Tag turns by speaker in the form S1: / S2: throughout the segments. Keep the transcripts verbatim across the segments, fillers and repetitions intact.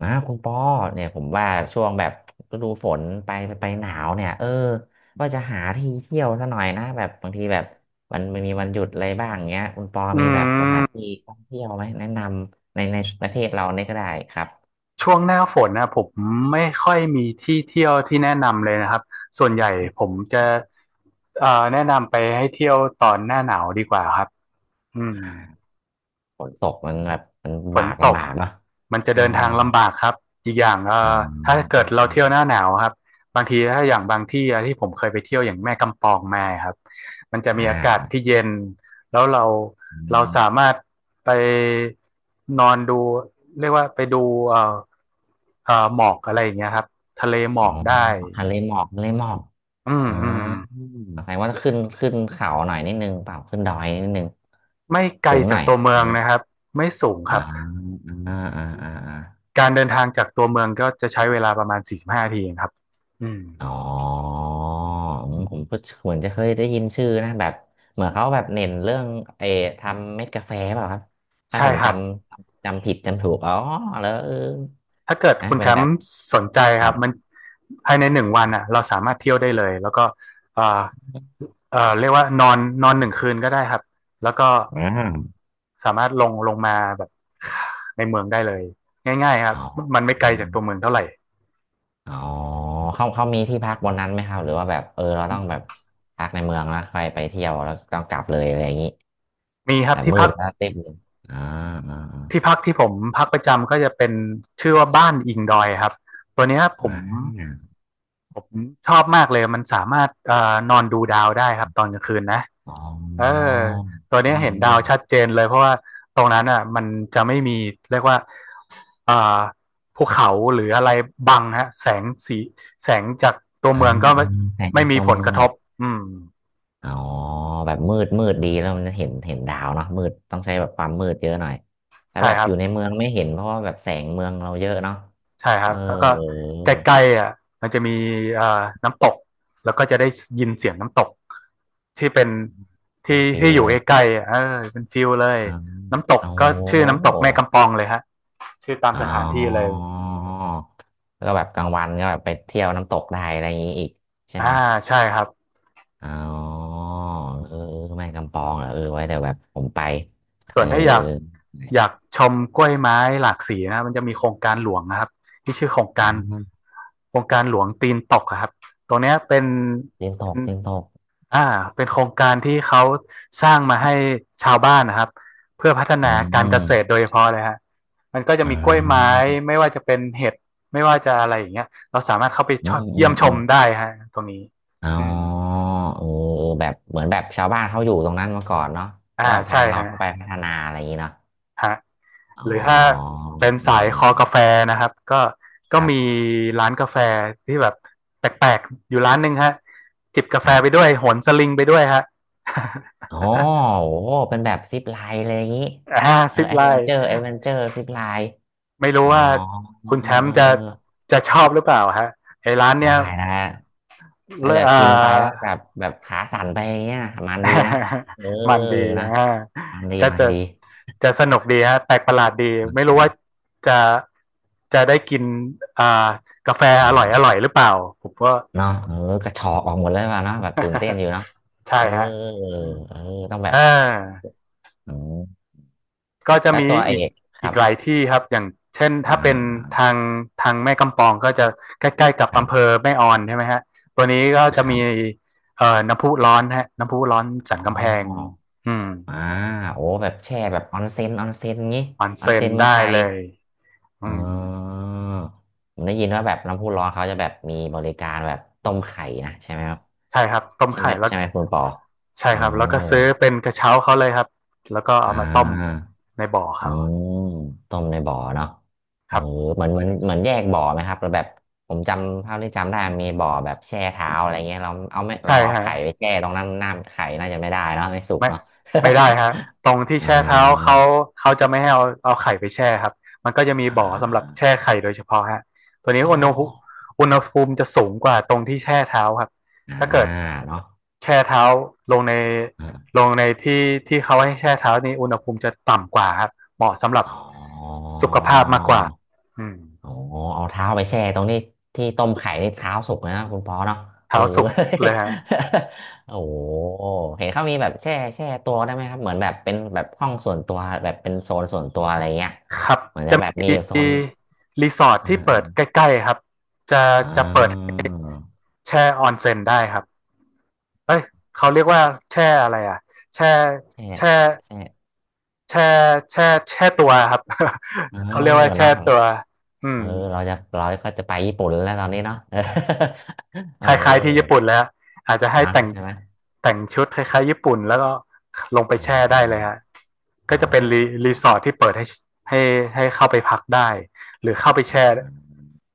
S1: อ่าคุณปอเนี่ยผมว่าช่วงแบบฤดูฝนไปไปหนาวเนี่ย เออว่าจะหาที่เที่ยวซะหน่อยนะแบบบางทีแบบมันมันมีวันหยุดอะไรบ้างเงี้ย คุณปอ
S2: อื
S1: มีแบบสถา
S2: ม
S1: นที่ท่องเที่ยวไหมแนะนำในในประเทศเราเนี่ยก็ได้ครับ
S2: ช่วงหน้าฝนนะผมไม่ค่อยมีที่เที่ยวที่แนะนำเลยนะครับส่วนใหญ่ผมจะเอ่อแนะนำไปให้เที่ยวตอนหน้าหนาวดีกว่าครับอืม
S1: ฝนตกมันแบบมัน
S2: ฝ
S1: ลำบา
S2: น
S1: ก
S2: ต
S1: ลำ
S2: ก
S1: บากเนาะ
S2: มันจะ
S1: อ๋อ
S2: เดินทางลำบากครับอีกอย่างเอ่
S1: อ๋อ
S2: อถ้า
S1: อืมอ
S2: เกิด
S1: ม
S2: เรา
S1: อืม
S2: เที่ยวหน้าหนาวครับบางทีถ้าอย่างบางที่อะที่ผมเคยไปเที่ยวอย่างแม่กำปองมาครับมันจะมี
S1: อ่า
S2: อากา
S1: ค
S2: ศ
S1: รับ
S2: ที่เย็นแล้วเรา
S1: อ
S2: เรา
S1: ม
S2: สามารถไปนอนดูเรียกว่าไปดูเอ่อเอ่อหมอกอะไรอย่างเงี้ยครับทะเลหม
S1: อ๋
S2: อ
S1: อ
S2: กได้
S1: ทะเลหมอกทะเลหมอก
S2: อืม
S1: อ่า
S2: อืม
S1: แสดงว่าขึ้นขึ้นเขาหน่อยนิดนึงเปล่าขึ้นดอยนิดนึง
S2: ไม่ไกล
S1: สูงห
S2: จา
S1: น่
S2: ก
S1: อย
S2: ตัวเมื
S1: ไหน
S2: องนะครับไม่สูงค
S1: อ่า
S2: รับ
S1: อ่าอ่าอ่าอา
S2: การเดินทางจากตัวเมืองก็จะใช้เวลาประมาณสี่สิบห้านาทีเองครับอืม
S1: อ๋ออืมผมก็เหมือนจะเคยได้ยินชื่อนะแบบเหมือนเขาแบบเน้นเรื่องเออทำเม็ดกาแฟเปล่าครับถ้า
S2: ใช่
S1: ผม
S2: ค
S1: จ
S2: รับ
S1: ำจำผิดจำถูกอ๋อแล้วเออ
S2: ถ้าเกิด
S1: นะ
S2: คุณ
S1: เป็
S2: แช
S1: น
S2: ม
S1: แบบ
S2: ป์สนใจ
S1: ค
S2: ค
S1: รั
S2: รับ
S1: บ
S2: มันภายในหนึ่งวันอ่ะเราสามารถเที่ยวได้เลยแล้วก็เอ่อเอ่อเรียกว่านอนนอนหนึ่งคืนก็ได้ครับ แล้วก็
S1: อ่า
S2: สามารถลงลงมาแบบในเมืองได้เลยง่ายๆครับ
S1: อ๋อ
S2: มันไม่ไกลจากตัวเมืองเท่าไหร่
S1: อ๋อเขาเขามีที่พักบนนั้นไหมครับหรือว่าแบบเออเราต้องแบบพักในเมืองแล้วค่อยไปเที่ยวแล้วต้องกลับเลยอะไรอย่างนี้
S2: มีครั
S1: แบ
S2: บ
S1: บ
S2: ที่
S1: มื
S2: พั
S1: ด
S2: ก
S1: แล้วเต็มอ่าอ่า
S2: ที่พักที่ผมพักประจำก็จะเป็นชื่อว่าบ้านอิงดอยครับ ตัวเนี้ยผ
S1: อ่
S2: ม
S1: า
S2: ผมชอบมากเลยมันสามารถเอ่อนอนดูดาวได้ครับตอนกลางคืนนะ
S1: อ๋อ
S2: เอ
S1: อ
S2: อตัว
S1: อื
S2: เนี้ย
S1: ม
S2: เห็นดา
S1: อื
S2: ว
S1: ม
S2: ชัดเจนเลยเพราะว่าตรงนั้นอ่ะมันจะไม่มีเรียกว่าอ่าภูเขาหรืออะไรบังฮะแสงสีแสงจากตัว
S1: อ่า
S2: เมืองก็
S1: อ่า
S2: ไม่
S1: แต่ใน
S2: ไม่มี
S1: ตัว
S2: ผล
S1: เมื
S2: ก
S1: อ
S2: ระ
S1: ง
S2: ทบอืม
S1: อ๋อแบบมืดมืดดีแล้วมันจะเห็นเห็นดาวเนาะมืดต้องใช้แบบความมืดเยอะหน่อยแต่
S2: ใช่
S1: แบบ
S2: ครั
S1: อ
S2: บ
S1: ยู่ในเมืองไม่เห็นเพราะว่าแบบแสงเมืองเราเยอะเนาะ
S2: ใช่ค
S1: เอ
S2: รับ
S1: อ
S2: แล้วก็ใกล้ๆอ่ะมันจะมีอ่าน้ำตกแล้วก็จะได้ยินเสียงน้ำตกที่เป็น
S1: ได้
S2: ที่
S1: ฟิ
S2: ที่
S1: ล
S2: อยู่
S1: เล
S2: ใก
S1: ย
S2: ล้ๆอ่ะเออเป็นฟิลเลย
S1: อ่า
S2: น้ำตก
S1: โอ้
S2: ก็ชื่อน้ำตก
S1: โห
S2: แม่กำปองเลยฮะชื่อตาม
S1: อ๋
S2: ส
S1: อ
S2: ถานที่เลย
S1: แล้วก็แบบกลางวันก็แบบไปเที่ยวน้ำตกได้อะไรอย่างนี้อีกใช่
S2: อ่า
S1: ไหม
S2: ใช่ครับ
S1: อ๋อเออแม่กำปองเหรอเออไว้เดี๋ยวแบบผมไปเอ
S2: ส่ว
S1: อ
S2: นถ้าอยากอยากชมกล้วยไม้หลากสีนะมันจะมีโครงการหลวงนะครับที่ชื่อโครง
S1: อ่
S2: การ
S1: า
S2: โครงการหลวงตีนตกครับตรงเนี้ยเป็น
S1: เตียนต
S2: เป็น
S1: กเตียนตก
S2: อ่าเป็นโครงการที่เขาสร้างมาให้ชาวบ้านนะครับเพื่อพัฒ
S1: อื
S2: นาการเกษตรโดย
S1: ม
S2: เฉพาะเลยฮะมันก็จะ
S1: อ่
S2: มีกล้วยไม้
S1: า
S2: ไม่ว่าจะเป็นเห็ดไม่ว่าจะอะไรอย่างเงี้ยเราสามารถเข้าไป
S1: อื
S2: ช
S1: ม
S2: ม
S1: อื
S2: เยี่ย
S1: ม
S2: มช
S1: อื
S2: ม
S1: ม
S2: ได้ฮะตรงนี้
S1: อ๋
S2: อืม
S1: อเออเออแบบเหมือนแบบชาวบ้านเขาอยู่ตรงนั้นมาก่อนเนาะ
S2: อ่า
S1: แล้วแบบทา
S2: ใช่
S1: งเรา
S2: ฮะ
S1: เข้าไปพัฒนาอะไรอย่างนี้เนาะ
S2: ฮะ
S1: อ๋อ
S2: หรือถ้าเป็นสายคอ
S1: เอ
S2: กา
S1: อ
S2: แฟนะครับก็ก็
S1: ครั
S2: มี
S1: บ
S2: ร้านกาแฟที่แบบแปลกๆอยู่ร้านหนึ่งฮะจิบกา
S1: ค
S2: แฟ
S1: รับ
S2: ไปด้วยโหนสลิงไปด้วยฮะ
S1: อ๋อโอ้ เป็นแบบซิปไลน์เลยอย่างงี้
S2: ห้า
S1: เออ
S2: สิบ
S1: แอด
S2: ไล
S1: เวน
S2: น์
S1: เจอร์แอดเวนเจอร์ซิปไลน์
S2: ไม่รู้
S1: อ๋อ
S2: ว่าคุณ
S1: เอ
S2: แช
S1: อ
S2: ม
S1: เอ
S2: ป์
S1: อ
S2: จะ
S1: เออ
S2: จะชอบหรือเปล่าฮะไอ้ร้าน
S1: ได้
S2: เนี้ย
S1: นะแล้
S2: เล
S1: ว
S2: อะ
S1: จะ
S2: อ่า
S1: กินไปแล้วแบบแบบขาสั่นไปอย่างเงี้ยมันดีนะ เออ
S2: มันดี
S1: นะ
S2: อ่า
S1: มันดี
S2: ก็
S1: มัน
S2: จะ
S1: ดี
S2: จะสนุกดีฮะแปลกประหลาดดี
S1: อืม
S2: ไม่
S1: อื
S2: รู้
S1: ม
S2: ว่าจะจะได้กินอ่ากาแฟอร่อยอ
S1: อ่า
S2: ร่อยหรือเปล่าผมก็
S1: เนาะเออกระชอกออกหมดเลยว่ะเนาะแบบตื่นเต้นอยู่เนาะ
S2: ใช่
S1: เออ
S2: ฮะ
S1: เออต้องแบ
S2: อ่
S1: บ
S2: า
S1: อืม
S2: ก็จะ
S1: แล้ว
S2: มี
S1: ตัวเอ
S2: อีก
S1: ก ค
S2: อี
S1: รั
S2: ก
S1: บ
S2: หลายที่ครับอย่างเช่น
S1: อ่
S2: ถ้าเป็น
S1: า
S2: ทางทางแม่กำปองก็จะใกล้ๆกับ
S1: ครั
S2: อำเภอ
S1: บ
S2: แม่ออนใช่ไหมฮะตัวนี้ก็จะ
S1: ครั
S2: มี
S1: บ
S2: เอ่อน้ำพุร้อนฮะน้ำพุร้อนสั
S1: อ๋
S2: น
S1: อ
S2: กำแพงอืม
S1: อ่าโอ้แบบแช่แบบออนเซ็นออนเซ็นงี้
S2: ออน
S1: ออน
S2: เซ็น
S1: เซ็นเมือ
S2: ได้
S1: งไท
S2: เล
S1: ย
S2: ยอื
S1: อ๋
S2: ม
S1: อผมได้ยินว่าแบบน้ำพุร้อนเขาจะแบบมีบริการแบบต้มไข่นะใช่ไหมครับ
S2: ใช่ครับ ต้ม
S1: ใช่
S2: ไข่
S1: ไหม
S2: แล้ว
S1: ใช่ไหมคุณปอ
S2: ใช่
S1: เอ
S2: ครับแล้วก็ซื้อ
S1: อ
S2: เป็นกระเช้าเขาเลยครับ แล้วก็
S1: อ่
S2: เอามาต้ม
S1: า
S2: ในบ่อ
S1: อื
S2: เขา
S1: มต้มในบ่อเนาะ
S2: ค
S1: เออ
S2: รับ
S1: เหมือนเหมือนเหมือนแยกบ่อไหมครับแล้วแบบผมจำเท่าที่จำได้มีบ่อแบบแช่เท้าอะไรเงี้ยเราเอาไม่
S2: ใช่
S1: เราเอา
S2: ฮะ
S1: ไข่ไปแช่ตรงนั้นน้ำไข่น่าจะไม่ได้เนาะไม่สุก
S2: ไม่
S1: เนาะ
S2: ไม่ได้ฮะตรงที่
S1: อ่
S2: แช่เท้า
S1: า
S2: เขาเขาจะไม่ให้เอาเอาไข่ไปแช่ครับมันก็จะมี
S1: อ่
S2: บ่อสำหรับแช่
S1: า
S2: ไข่โดยเฉพาะฮะตัวนี้
S1: อ๋อ
S2: อุณหภูมิอุณหภูมิจะสูงกว่าตรงที่แช่เท้าครับ
S1: อ่า
S2: ถ้าเกิด
S1: เนาะ
S2: แช่เท้าลงใน
S1: อ่า
S2: ลงในที่ที่เขาให้แช่เท้านี่อุณหภูมิจะต่ำกว่าครับเหมาะสำหรับ
S1: อ๋อ
S2: สุขภาพมากกว่าอืม
S1: โอ้เอาเท้าไปแช่ตรงนี้ที่ต้มไข่นี่เท้าสุกเลยนะคุณปอเนาะเอ
S2: เท้า
S1: อ
S2: สุกเลยฮะ
S1: โอ้โหเห็นเขามีแบบแช่แช่ตัวได้ไหมครับเหมือนแบบเป็นแบบห้องส่วนตัวแบบเป็นโซนส่วนตัวอะไรเงี้ย
S2: ครับ
S1: เหมือนจะ
S2: จะ
S1: แบบ
S2: ม
S1: มีโซน
S2: ีรีสอร์ท
S1: อ่
S2: ที่เปิดใ
S1: า
S2: กล้ๆครับจะ
S1: อ่
S2: จะเปิด
S1: า
S2: ให้ แช่ออนเซ็นได้ครับเอ้ยเขาเรียกว่าแช่อะไรอ่ะแช่
S1: แช่
S2: แช่
S1: แช่
S2: แช่แช่แช่ตัวครับ
S1: เออ
S2: เขาเรียกว่าแช่
S1: เนาะ
S2: ตัวอื
S1: เอ
S2: ม
S1: อเราจะเราก็จะไปญี่ปุ่นแล้วตอนนี้เนาะ เออ เออ
S2: คล้ายๆที่ญี่ปุ่นแล้วอาจจะให้
S1: นะ
S2: แต่ง
S1: ใช่ไหม
S2: แต่งชุดคล้ายๆญี่ปุ่นแล้วก็ลงไป
S1: อ๋อ
S2: แช่ได้เลยฮะ
S1: อ๋
S2: ก็
S1: อ
S2: จะเป็นรีรี
S1: เนาะ
S2: สอร์ทที่เปิดให้ให้ให้เข้าไปพักได้หรือเข้าไป
S1: อ่
S2: แช่
S1: า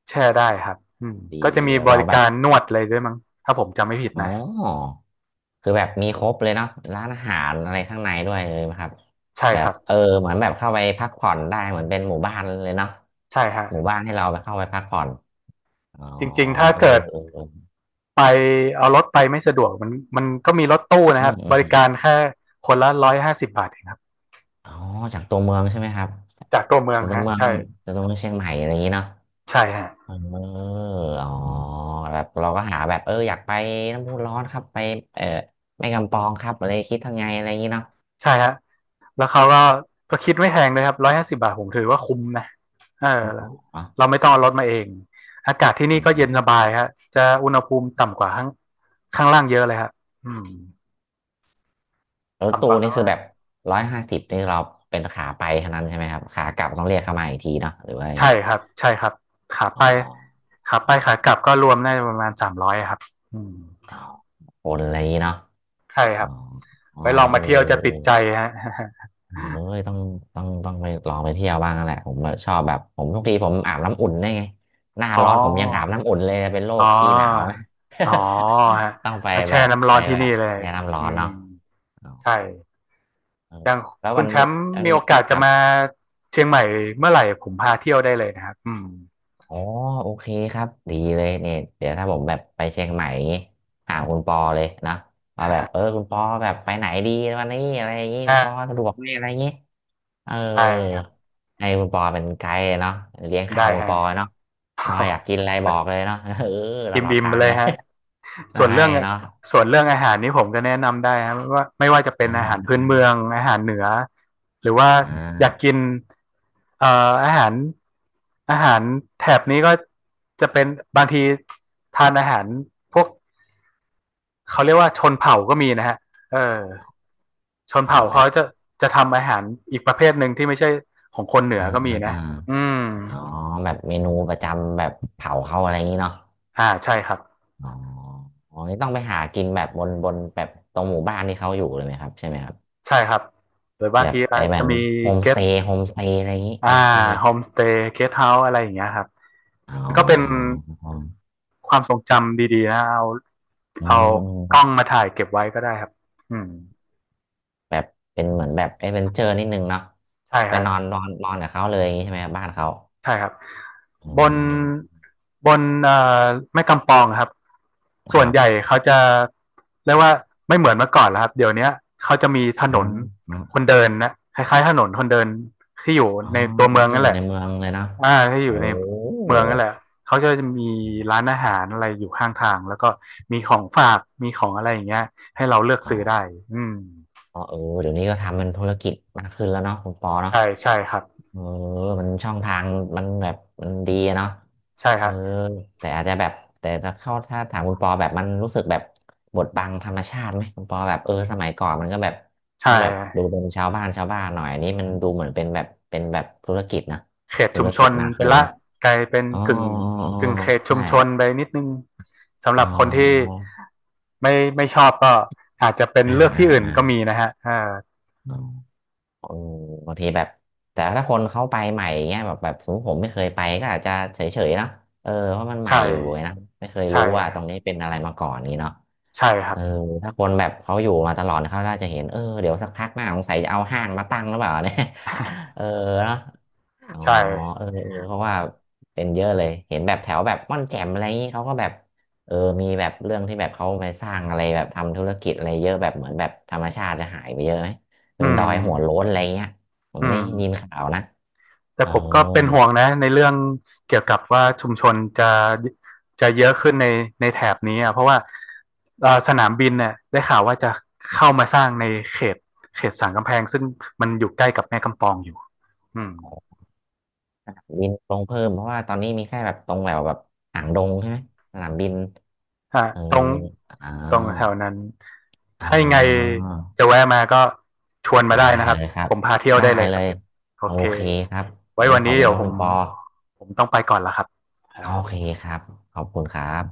S2: แช่ได้ครับอืม
S1: ดี
S2: ก็จะ
S1: ดี
S2: มี
S1: แล้ว
S2: บ
S1: เรา
S2: ริ
S1: แบ
S2: กา
S1: บ
S2: รนวดเลยด้วยมั้งถ้าผมจำไม่ผิด
S1: อ๋อ
S2: นะ
S1: คือแบบมีครบเลยเนาะร้านอาหารอะไรข้างในด้วยเลยไหมครับ
S2: ใช่
S1: แบ
S2: ค
S1: บ
S2: รับ
S1: เออเหมือนแบบเข้าไปพักผ่อนได้เหมือนเป็นหมู่บ้านเลยเนาะ
S2: ใช่ฮะ
S1: หมู่บ้านให้เราไปเข้าไปพักผ่อนอ๋อ
S2: จริงๆถ้า
S1: เออ
S2: เกิด
S1: เออเออ
S2: ไปเอารถไปไม่สะดวกมันมันก็มีรถตู้
S1: อื
S2: นะครั
S1: ม
S2: บ
S1: อื
S2: บ
S1: มอ
S2: ริ
S1: ม
S2: การแค่คนละหนึ่งร้อยห้าสิบบาทเองครับ
S1: อ๋อจากตัวเมืองใช่ไหมครับ
S2: จากตัวเมือง
S1: จากตัว
S2: ฮะ
S1: เมือง
S2: ใช่
S1: จากตัวเมืองเชียงใหม่อะไรอย่างนี้เนาะ
S2: ใช่ฮะ
S1: เอออ๋อแบบเราก็หาแบบเอออยากไปน้ำพุร้อนครับไปเออแม่กำปองครับอะไรคิดทางไงอะไรอย่างนี้เนาะ
S2: ใช่ฮะแล้ว
S1: อ๋อ
S2: เขาก็ก็คิดไม่แพงเลยครับหนึ่งร้อยห้าสิบบาทผมถือว่าคุ้มนะเออ
S1: อ๋
S2: เรา
S1: อ
S2: ไม่ต้องเอารถมาเองอากาศที่
S1: เอ
S2: นี่ก็เย็น
S1: อ
S2: สบายฮะจะอุณหภูมิต่ำกว่าข้างข้างล่างเยอะเลยฮะอืม
S1: รถ
S2: ต่ำก
S1: ตู้
S2: ว่าข้า
S1: นี่
S2: ง
S1: คือ
S2: ล่า
S1: แบ
S2: ง
S1: บร้อยห้าสิบนี่เราเป็นขาไปเท่านั้นใช่ไหมครับขากลับต้องเรียกเข้ามาอีกทีเนาะหรือว่ายัง
S2: ใช่
S1: ไง
S2: ครับใช่ครับขา
S1: อ๋
S2: ไป
S1: อ
S2: ขาไปขากลับก็รวมได้ประมาณสามร้อยครับอืม
S1: อ๋อคนอะไรอย่างนี้เนาะ
S2: ใช่ค
S1: อ๋
S2: รั
S1: อ
S2: บ
S1: อ๋อ
S2: ไว้ลอง
S1: เอ
S2: มา
S1: อ
S2: เที่ยวจะติดใจฮะ
S1: โอ้ยต้องต้องต้องไปลองไปเที่ยวบ้างนั่นแหละผมแบบชอบแบบผมทุกทีผมอาบน้ำอุ่นได้ไงหน้า
S2: อ๋อ
S1: ร้อนผมยังอาบน้ำอุ่นเลยเป็นโร
S2: อ๋
S1: คขี้หนาวไห
S2: อ อ๋อฮะ
S1: ต้องไป
S2: มา
S1: แบ
S2: แช่
S1: บ
S2: น้ำร้อ
S1: ไป
S2: นที่
S1: แบ
S2: นี่
S1: บ
S2: เลย
S1: แช่น้ำร้อ
S2: อื
S1: น
S2: ม
S1: เนาะอ๋อ
S2: ใช่
S1: เออ
S2: อย่าง
S1: แล้ว
S2: คุ
S1: วั
S2: ณ
S1: น
S2: แช
S1: นี้
S2: มป์
S1: เอิ่
S2: มี
S1: ม
S2: โอกาส
S1: ค
S2: จะ
S1: รับ
S2: มาเชียงใหม่เมื่อไหร่ผมพาเที่ยวได้เลยนะครับอืม
S1: อ๋อโอเคครับดีเลยเนี่ยเดี๋ยวถ้าผมแบบไปเชียงใหม่อย่างงี้ถามคุณปอเลยนะว่าแบบเออคุณปอแบบไปไหนดีวันนี้อะไรอย่างงี้
S2: อ่
S1: คุณปอสะดวก
S2: า
S1: ไหมอะไรอย่างงี้ เออ
S2: ได้ครับ
S1: ให้คุณปอเป็นไกด์เนาะเลี้ยงข้า
S2: ได้
S1: วคุณ
S2: ฮะ
S1: ปอเนาะเราอยากกินอะไรบอกเลยเนาะ เออ ต
S2: อ
S1: ลอด
S2: ิ่มๆ
S1: ทา
S2: ไป
S1: ง
S2: เลย
S1: เลย
S2: ฮะ
S1: ได้
S2: ส่วนเรื่อง
S1: เนาะ
S2: ส่วนเรื่องอาหารนี่ผมก็แนะนำได้ครับว่าไม่ว่าจะเป็น
S1: อ่า
S2: อาหารพื้น
S1: อ่า
S2: เมืองอาหารเหนือหรือว่า
S1: อ่
S2: อยาก
S1: า
S2: กินเอ่ออาหารอาหารแถบนี้ก็จะเป็นบางทีทานอาหารพวกเขาเรียกว่าชนเผ่าก็มีนะฮะเออชน
S1: ออ
S2: เผ่า
S1: กแบ
S2: เขา
S1: บ
S2: จะจะทำอาหารอีกประเภทหนึ่งที่ไม่ใช่ของคนเหนือ
S1: อ่า
S2: ก็มี
S1: อ่า
S2: นะ
S1: อ่า
S2: อืม
S1: อ๋อแบบเมนูประจำแบบเผาเขาอะไรอย่างนี้เนาะ
S2: อ่าใช่ครับ
S1: อ๋ออ๋อนี่ต้องไปหากินแบบบนบนแบบตรงหมู่บ้านที่เขาอยู่เลยไหมครับใช่ไหมครับ
S2: ใช่ครับหรือ
S1: แบ
S2: บาง
S1: บ
S2: ที
S1: ไป
S2: อาจ
S1: แบ
S2: จะ
S1: บ
S2: มี
S1: โฮมส
S2: เก็ต
S1: เตย์โฮมสเตย์อะไรอย่างนี้โฮ
S2: อ่า
S1: มสเตย์
S2: โฮมสเตย์เกสต์เฮาส์อะไรอย่างเงี้ยครับ
S1: อ๋อ
S2: มันก็เป็นความทรงจำดีๆนะเอา
S1: อื
S2: เอากล้อ
S1: ม
S2: งมาถ่ายเก็บไว้ก็ได้ครับอืม
S1: แบบเป็นเหมือนแบบเอดเวนเจอร์นิดนึงเนาะ
S2: ใช่
S1: ไป
S2: ฮะ
S1: นอนนอนนอนกับเขาเลยอย่างนี้ใช่ไหมครับบ้านเขา
S2: ใช่ครับ
S1: อื
S2: บน
S1: ม
S2: บนเอ่อแม่กำปองครับ
S1: ค
S2: ส่วน
S1: รั
S2: ใหญ่
S1: บ
S2: เขาจะเรียกว่าไม่เหมือนเมื่อก่อนแล้วครับเดี๋ยวเนี้ยเขาจะมีถน
S1: อ๋
S2: น
S1: อ
S2: คนเดินนะคล้ายๆถนนคนเดินที่อยู่
S1: อ๋อ
S2: ในตัวเมือง
S1: ที่
S2: นั่
S1: อ
S2: น
S1: ยู่
S2: แหละ
S1: ในเมืองเลยเนาะ
S2: อ่าถ้าอ
S1: โอ้
S2: ยู่ใน
S1: โห
S2: เมืองนั่นแหละเขาจะมีร้านอาหารอะไรอยู่ข้างทางแล้วก็มีของฝากมีของอะไรอย่างเงี้ยให้เราเลือก
S1: อ๋อ
S2: ซื้อได้อืม
S1: อ๋อเออเดี๋ยวนี้ก็ทำเป็นธุรกิจมากขึ้นแล้วเนาะคุณปอเนาะ
S2: ใช่ใช่ครับ
S1: เออมันช่องทางมันแบบมันดีอะเนาะ
S2: ใช่ค
S1: เออ
S2: รับ
S1: แต่อาจจะแบบแต่ถ้าเข้าถ้าถามคุณปอแบบมันรู้สึกแบบบดบังธรรมชาติไหมคุณปอแบบเออสมัยก่อนมันก็แบบ
S2: ใช่
S1: ต้องแบบดูเป็นชาวบ้านชาวบ้านหน่อยอันนี้มันดูเหมือนเป็นแบบเป็นแบบธุรกิจนะ
S2: เขต
S1: ธุ
S2: ชุม
S1: ร
S2: ช
S1: กิจ
S2: น
S1: มาก
S2: ไป
S1: ขึ้น
S2: ละ
S1: นะ
S2: กลายเป็น
S1: อ๋อ
S2: กึ่ง
S1: อ๋ออ๋อ
S2: กึ่งเขตชุ
S1: ใช่
S2: มชนไปนิดนึงสำห
S1: อ๋อ
S2: รับคนที่ไม่ไม่ชอบก็อาจจะเป็น
S1: อ่า
S2: เลือก
S1: อ่า
S2: ที่อื่น
S1: อ่า
S2: ก็มีนะฮะอ่า
S1: เออบางทีแบบแต่ถ้าคนเขาไปใหม่เงี้ยแบบแบบสมมติผมไม่เคยไปก็อาจจะเฉยๆเนาะเออเพราะมันใหม่
S2: ใช่
S1: อยู่ไงนะไม่เคย
S2: ใช่
S1: รู้ว่าตรงนี้เป็นอะไรมาก่อนนี้เนาะ
S2: ใช่ค
S1: เอ
S2: รับ
S1: อถ้าคนแบบเขาอยู่มาตลอดเขาน่าจะเห็นเออเดี๋ยวสักพักหน้าสงสัยจะเอาห้างมาตั้งหรือเปล่าเนี่ย เออเนาะ อ๋อ
S2: ใช่
S1: เออเออเพราะว่าเป็นเยอะเลยเห็นแบบแถวแบบม่อนแจ่มอะไรอย่างนี้เขาก็แบบเออมีแบบเรื่องที่แบบเขาไปสร้างอะไรแบบทำธุรกิจอะไรเยอะแบบเหมือนแบบธรรมชาติจะหายไปเยอะไหมจ
S2: อื
S1: นดอ
S2: ม
S1: ยหัวโล้นอะไรเงี้ยผ
S2: อื
S1: มได้
S2: ม
S1: ยินข่าวนะ
S2: แต่
S1: เออ
S2: ผมก็เป็นห่วงนะในเรื่องเกี่ยวกับว่าชุมชนจะจะเยอะขึ้นในในแถบนี้อ่ะเพราะว่าเอ่อสนามบินเนี่ยได้ข่าวว่าจะเข้ามาสร้างในเขตเขตสันกำแพงซึ่งมันอยู่ใกล้กับแม่กำปองอยู่อืม
S1: บินลงเพิ่มเพราะว่าตอนนี้มีแค่แบบตรงแบบแบบหางดงใช่ไหมสนามบิน
S2: อ่า
S1: เออ
S2: ตรง
S1: อ่า
S2: ตรงแถวนั้น
S1: อ๋
S2: ให้ไง
S1: อ
S2: จะแวะมาก็ชวนมา
S1: ได้
S2: ได้นะครับ
S1: เลยครั
S2: ผ
S1: บ
S2: มพาเที่ยว
S1: ได้
S2: ได้เลยค
S1: เล
S2: รับ
S1: ย
S2: โอ
S1: โอ
S2: เค
S1: เคครับผ
S2: ไว้
S1: ม
S2: วัน
S1: ขอ
S2: นี้
S1: บคุณ
S2: เดี๋ยว
S1: ครับ
S2: ผ
S1: คุ
S2: ม
S1: ณปอ
S2: ผมต้องไปก่อนละครับ
S1: โอเค
S2: อ่า
S1: ครับ ขอบคุณครับ